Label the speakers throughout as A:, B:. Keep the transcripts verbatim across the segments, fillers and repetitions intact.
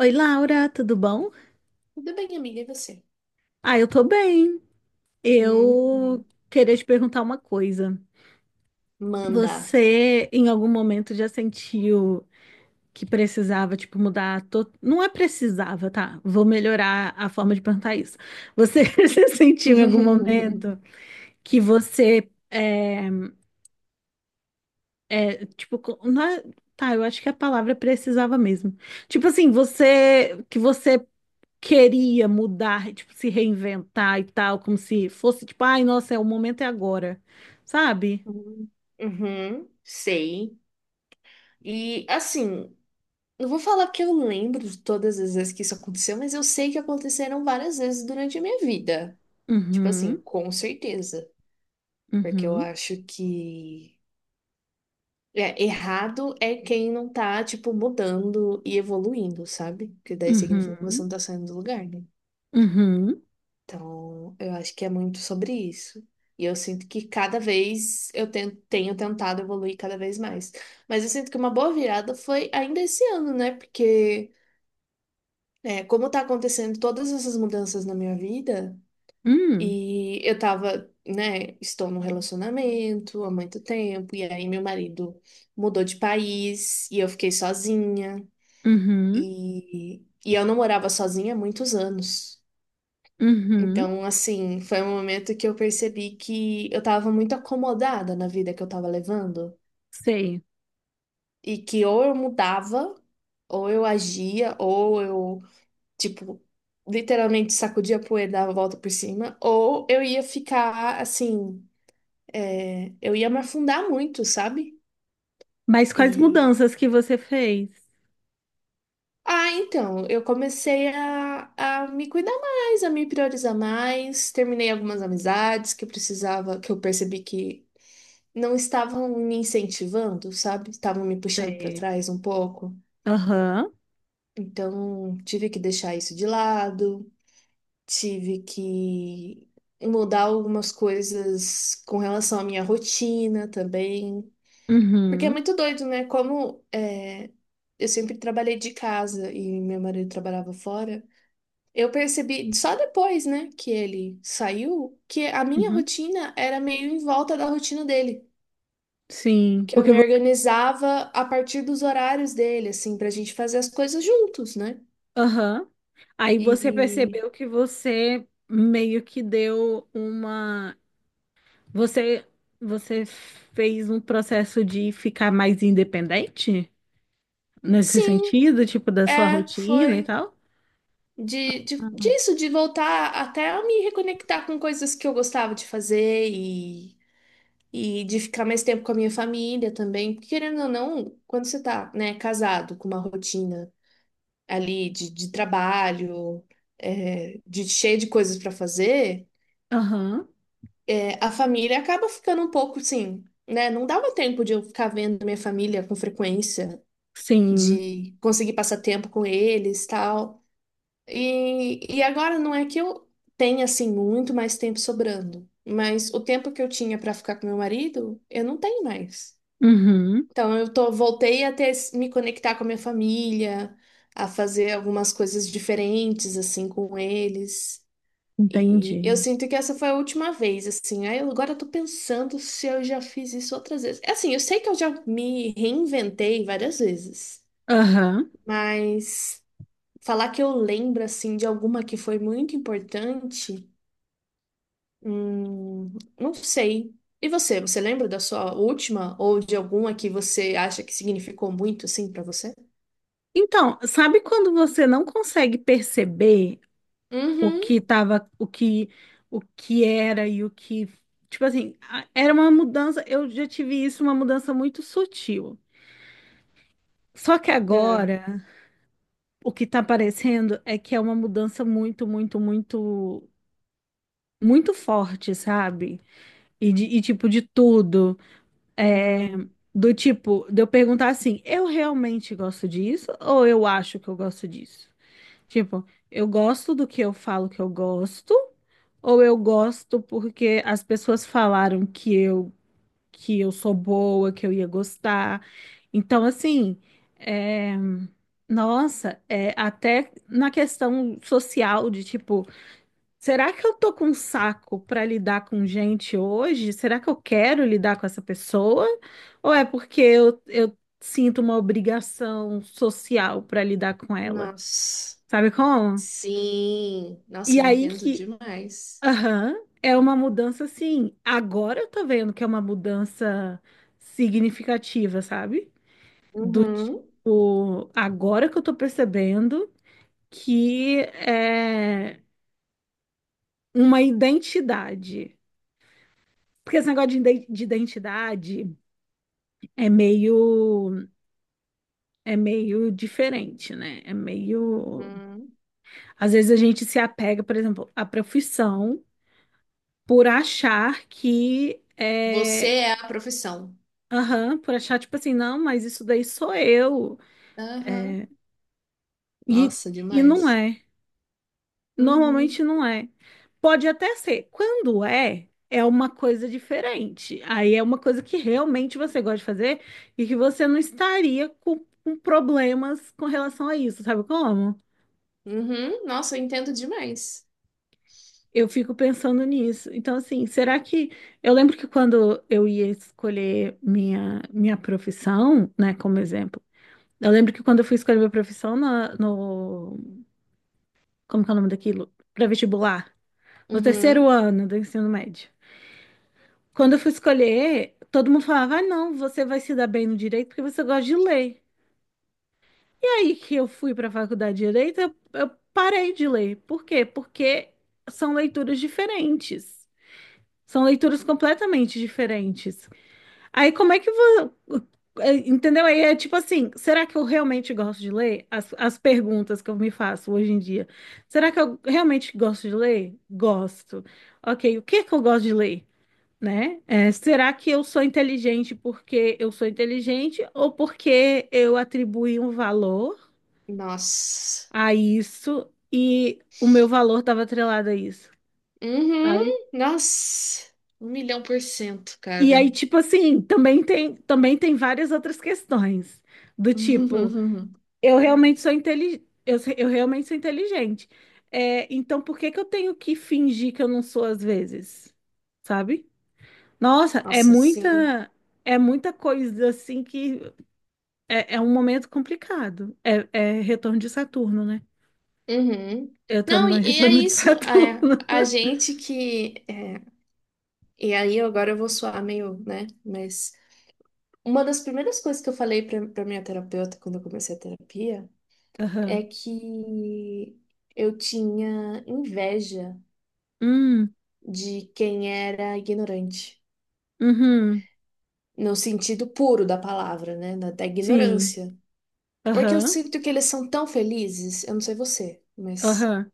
A: Oi, Laura, tudo bom?
B: Tudo bem, amiga, e você?
A: Ah, eu tô bem. Eu
B: Hum,
A: queria te perguntar uma coisa.
B: manda.
A: Você, em algum momento, já sentiu que precisava, tipo, mudar? to- Não é precisava, tá? Vou melhorar a forma de perguntar isso. Você se sentiu em algum momento que você, é, é, tipo, co- não é- tá, eu acho que a palavra é precisava mesmo. Tipo assim, você, que você queria mudar, tipo, se reinventar e tal, como se fosse, tipo, ai, nossa, é o momento é agora, sabe?
B: Uhum, uhum, sei. E assim, não vou falar que eu lembro de todas as vezes que isso aconteceu, mas eu sei que aconteceram várias vezes durante a minha vida. Tipo assim,
A: Uhum,
B: com certeza. Porque eu
A: uhum,
B: acho que é, errado é quem não tá, tipo, mudando e evoluindo, sabe? Porque daí significa que você não
A: uhum,
B: tá saindo do lugar, né?
A: uhum,
B: Então, eu acho que é muito sobre isso. E eu sinto que cada vez eu ten- tenho tentado evoluir cada vez mais. Mas eu sinto que uma boa virada foi ainda esse ano, né? Porque, é, como tá acontecendo todas essas mudanças na minha vida,
A: uhum,
B: e eu tava, né, estou num relacionamento há muito tempo, e aí meu marido mudou de país, e eu fiquei sozinha,
A: uhum,
B: e, e eu não morava sozinha há muitos anos.
A: uhum,
B: Então, assim, foi um momento que eu percebi que eu tava muito acomodada na vida que eu tava levando
A: sei.
B: e que ou eu mudava, ou eu agia, ou eu, tipo, literalmente sacudia a poeira, dava a volta por cima, ou eu ia ficar, assim, é, eu ia me afundar muito, sabe?
A: Mas quais
B: E.
A: mudanças que você fez?
B: Ah, então, eu comecei a, a me cuidar mais, a me priorizar mais, terminei algumas amizades que eu precisava, que eu percebi que não estavam me incentivando, sabe? Estavam me puxando para
A: Sei.
B: trás um pouco.
A: Aham,
B: Então, tive que deixar isso de lado, tive que mudar algumas coisas com relação à minha rotina também. Porque é
A: uhum,
B: muito doido, né? Como é, eu sempre trabalhei de casa e meu marido trabalhava fora. Eu percebi só depois, né, que ele saiu, que a minha
A: uhum,
B: rotina era meio em volta da rotina dele.
A: sim,
B: Que eu
A: porque
B: me
A: você,
B: organizava a partir dos horários dele, assim, pra gente fazer as coisas juntos, né?
A: aham. Aí você
B: E
A: percebeu que você meio que deu uma. Você, você fez um processo de ficar mais independente nesse
B: sim,
A: sentido, tipo, da sua
B: é,
A: rotina e
B: foi
A: tal?
B: de, de, disso, de voltar até a me reconectar com coisas que eu gostava de fazer e, e de ficar mais tempo com a minha família também. Porque, querendo ou não, quando você tá, né, casado com uma rotina ali de, de trabalho, é, de cheio de coisas pra fazer.
A: Aham,
B: A família acaba ficando um pouco assim, né? Não dava tempo de eu ficar vendo minha família com frequência,
A: sim.
B: de conseguir passar tempo com eles, tal. E, e agora não é que eu tenha assim muito mais tempo sobrando, mas o tempo que eu tinha para ficar com meu marido, eu não tenho mais.
A: Uhum,
B: Então eu tô, voltei a ter, me conectar com a minha família, a fazer algumas coisas diferentes assim com eles. E eu
A: entendi.
B: sinto que essa foi a última vez, assim. Aí eu agora tô pensando se eu já fiz isso outras vezes. É. Assim, eu sei que eu já me reinventei várias vezes,
A: Aham.
B: mas falar que eu lembro, assim, de alguma que foi muito importante, hum, não sei. E você, você lembra da sua última ou de alguma que você acha que significou muito, assim, pra você?
A: Então, sabe quando você não consegue perceber o
B: Uhum.
A: que tava, o que, o que era e o que, tipo assim, a- era uma mudança, eu já tive isso, uma mudança muito sutil. Só que
B: É.
A: agora o que tá parecendo é que é uma mudança muito, muito, muito, muito forte, sabe? E, de, e tipo, de tudo. É,
B: Uhum.
A: do tipo, de eu perguntar assim, eu realmente gosto disso ou eu acho que eu gosto disso? Tipo, eu gosto do que eu falo que eu gosto ou eu gosto porque as pessoas falaram que eu que eu sou boa, que eu ia gostar. Então, assim, é, nossa, é, até na questão social de tipo, será que eu tô com um saco para lidar com gente hoje? Será que eu quero lidar com essa pessoa? Ou é porque eu, eu sinto uma obrigação social para lidar com ela?
B: Nossa.
A: Sabe como?
B: Sim.
A: E
B: Nossa, eu
A: aí
B: entendo
A: que.
B: demais.
A: Aham, é uma mudança, sim. Agora eu tô vendo que é uma mudança significativa, sabe? Do
B: Uhum.
A: tipo, agora que eu tô percebendo que é uma identidade. Porque esse negócio de iden- de identidade é meio, é meio diferente, né? É meio.
B: Hum.
A: Às vezes a gente se apega, por exemplo, à profissão por achar que.
B: Você
A: É
B: é a profissão.
A: aham, por achar, tipo assim, não, mas isso daí sou eu.
B: Aham.
A: E,
B: Nossa,
A: e não
B: demais.
A: é. Normalmente
B: Uhum.
A: não é. Pode até ser. Quando é, é uma coisa diferente. Aí é uma coisa que realmente você gosta de fazer e que você não estaria com, com problemas com relação a isso, sabe como?
B: Uhum. Nossa, eu entendo demais.
A: Eu fico pensando nisso. Então, assim, será que. Eu lembro que quando eu ia escolher minha, minha profissão, né, como exemplo. Eu lembro que quando eu fui escolher minha profissão na- no, como que é o nome daquilo? Para vestibular, no terceiro
B: Uhum.
A: ano do ensino médio. Quando eu fui escolher, todo mundo falava: ah, não, você vai se dar bem no direito porque você gosta de ler. E aí que eu fui para a faculdade de direito, eu, eu parei de ler. Por quê? Porque são leituras diferentes. São leituras completamente diferentes. Aí como é que você. Entendeu? Aí é tipo assim, será que eu realmente gosto de ler? As, as perguntas que eu me faço hoje em dia. Será que eu realmente gosto de ler? Gosto. Ok, o que é que eu gosto de ler? Né? É, será que eu sou inteligente porque eu sou inteligente ou porque eu atribuí um valor
B: Nossa.
A: a isso e o meu valor estava atrelado a isso, sabe?
B: Uhum. Nossa. Um milhão por cento,
A: E
B: cara.
A: aí, tipo assim, também tem, também tem várias outras questões, do tipo.
B: Uhum.
A: Eu realmente sou inteligente. Eu, se- eu realmente sou inteligente. É, então, por que que eu tenho que fingir que eu não sou às vezes? Sabe? Nossa, é
B: Nossa, sim.
A: muita, é muita coisa assim que é, é um momento complicado. É, é retorno de Saturno, né?
B: Uhum.
A: Eu tô no
B: Não, e,
A: meu
B: e é
A: retorno de
B: isso. É,
A: Saturno.
B: a gente que. É, e aí, agora eu vou soar meio, né? Mas uma das primeiras coisas que eu falei pra, pra minha terapeuta quando eu comecei a terapia. É
A: Aham.
B: que eu tinha inveja
A: Hum,
B: de quem era ignorante,
A: uhum,
B: no sentido puro da palavra, né? Da, da
A: sim.
B: ignorância. Porque eu
A: Aham,
B: sinto que eles são tão felizes, eu não sei você, mas.
A: aham.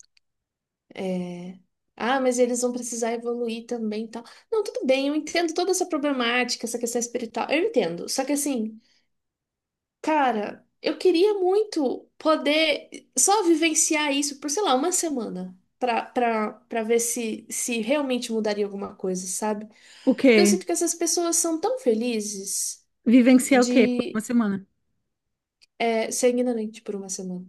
B: é, Ah, mas eles vão precisar evoluir também e tal. Não, tudo bem, eu entendo toda essa problemática, essa questão espiritual. Eu entendo. Só que assim, cara, eu queria muito poder só vivenciar isso por, sei lá, uma semana. Pra, pra, pra ver se, se realmente mudaria alguma coisa, sabe?
A: O
B: Porque eu
A: quê?
B: sinto que essas pessoas são tão felizes
A: Vivenciar o quê? Por uma
B: de
A: semana.
B: é, ser ignorante por uma semana.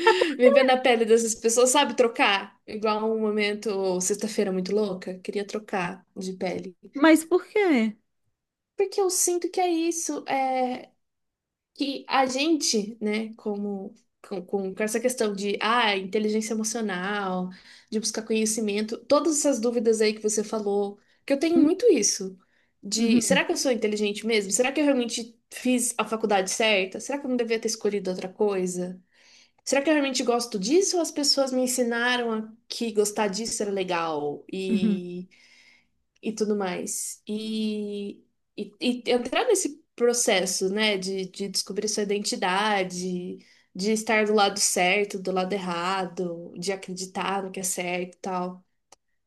B: Viver na pele dessas pessoas, sabe? Trocar. Igual um momento, sexta-feira muito louca, queria trocar de pele.
A: Mas por quê?
B: Porque eu sinto que é isso. É que a gente, né, como com, com essa questão de ah, inteligência emocional, de buscar conhecimento, todas essas dúvidas aí que você falou, que eu tenho
A: Hum,
B: muito isso, de
A: Uhum,
B: será que eu sou inteligente mesmo? Será que eu realmente fiz a faculdade certa? Será que eu não devia ter escolhido outra coisa? Será que eu realmente gosto disso ou as pessoas me ensinaram a que gostar disso era legal?
A: uhum.
B: E tudo mais. E, e, e entrar nesse processo, né, de, de descobrir sua identidade, de estar do lado certo, do lado errado, de acreditar no que é certo e tal.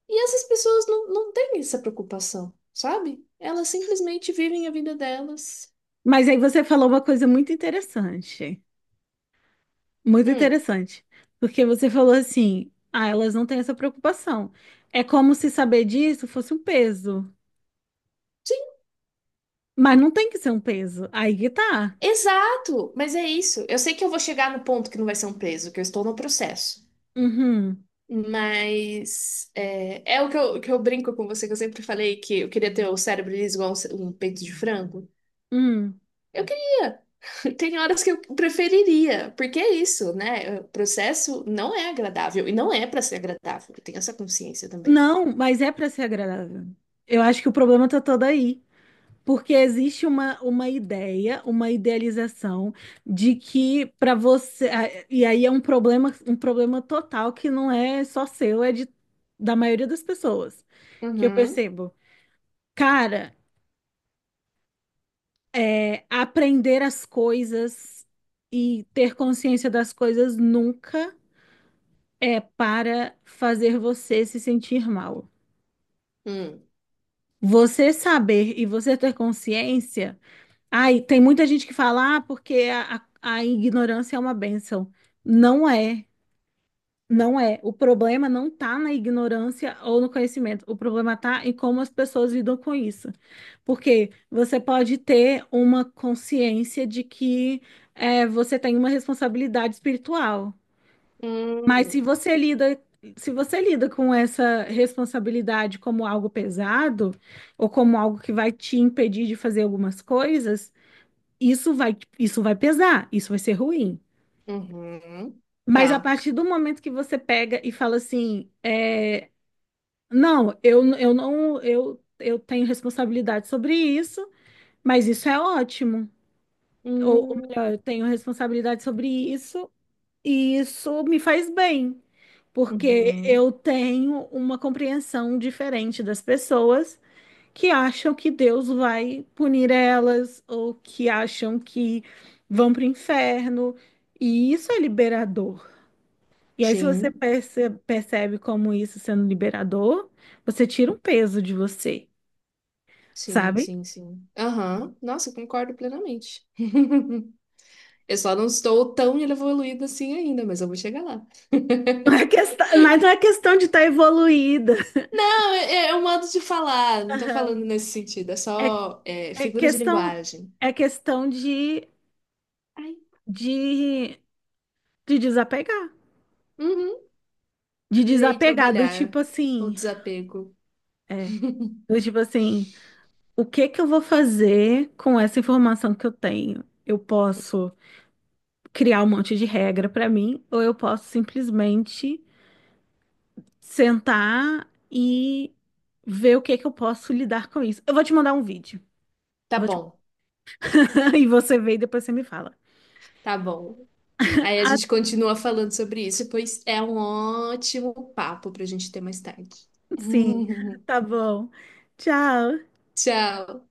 B: E essas pessoas não, não têm essa preocupação, sabe? Elas simplesmente vivem a vida delas.
A: Mas aí você falou uma coisa muito interessante, muito
B: Hum.
A: interessante, porque você falou assim, ah, elas não têm essa preocupação. É como se saber disso fosse um peso,
B: Sim,
A: mas não tem que ser um peso. Aí que tá.
B: exato, mas é isso. Eu sei que eu vou chegar no ponto que não vai ser um preso, que eu estou no processo.
A: Uhum,
B: Mas é, é o que eu, que eu brinco com você, que eu sempre falei que eu queria ter o cérebro liso igual um, ce- um peito de frango.
A: uhum.
B: Eu queria. Tem horas que eu preferiria, porque é isso, né? O processo não é agradável e não é para ser agradável. Eu tenho essa consciência também.
A: Não, mas é pra ser agradável. Eu acho que o problema tá todo aí. Porque existe uma, uma ideia, uma idealização de que para você. Ah, e aí é um problema, um problema total que não é só seu, é de, da maioria das pessoas. Que eu
B: Uhum.
A: percebo. Cara, é, aprender as coisas e ter consciência das coisas nunca é para fazer você se sentir mal.
B: Hum.
A: Você saber e você ter consciência. Ai, tem muita gente que fala, ah, porque a, a- a ignorância é uma bênção. Não é, não é. O problema não tá na ignorância ou no conhecimento. O problema tá em como as pessoas lidam com isso. Porque você pode ter uma consciência de que é, você tem uma responsabilidade espiritual. Mas se
B: Hum.
A: você lida, se você lida com essa responsabilidade como algo pesado, ou como algo que vai te impedir de fazer algumas coisas. Isso vai, isso vai pesar, isso vai ser ruim.
B: Uhum.
A: Mas a
B: Tá.
A: partir do momento que você pega e fala assim, é, não, eu, eu não, eu, eu tenho responsabilidade sobre isso, mas isso é ótimo. Ou, ou
B: Hum.
A: melhor, eu tenho responsabilidade sobre isso e isso me faz bem, porque
B: Uhum.
A: eu tenho uma compreensão diferente das pessoas que acham que Deus vai punir elas ou que acham que vão para o inferno. E isso é liberador. E aí, se você
B: Sim.
A: perce- percebe como isso sendo liberador, você tira um peso de você,
B: Sim,
A: sabe?
B: sim, sim. Aham. Nossa, eu concordo plenamente. Eu só não estou tão evoluída assim ainda, mas eu vou chegar lá.
A: Não é questão, mas não é questão de estar evoluída.
B: Não, é, é um modo de falar, não tô
A: Aham.
B: falando nesse sentido, é
A: É,
B: só é,
A: é
B: figura de
A: questão,
B: linguagem.
A: é questão de,
B: Ai.
A: de, de desapegar.
B: Uhum.
A: De
B: Irei
A: desapegar do tipo
B: trabalhar. O
A: assim.
B: desapego.
A: É, do tipo assim. O que que eu vou fazer com essa informação que eu tenho? Eu posso criar um monte de regra para mim, ou eu posso simplesmente sentar e ver o que que eu posso lidar com isso. Eu vou te mandar um vídeo.
B: Tá
A: Eu vou te-
B: bom,
A: e você vê e depois você me fala.
B: tá bom. Aí a
A: Ah,
B: gente continua falando sobre isso, pois é um ótimo papo pra gente ter mais tarde.
A: sim, tá bom. Tchau.
B: Tchau.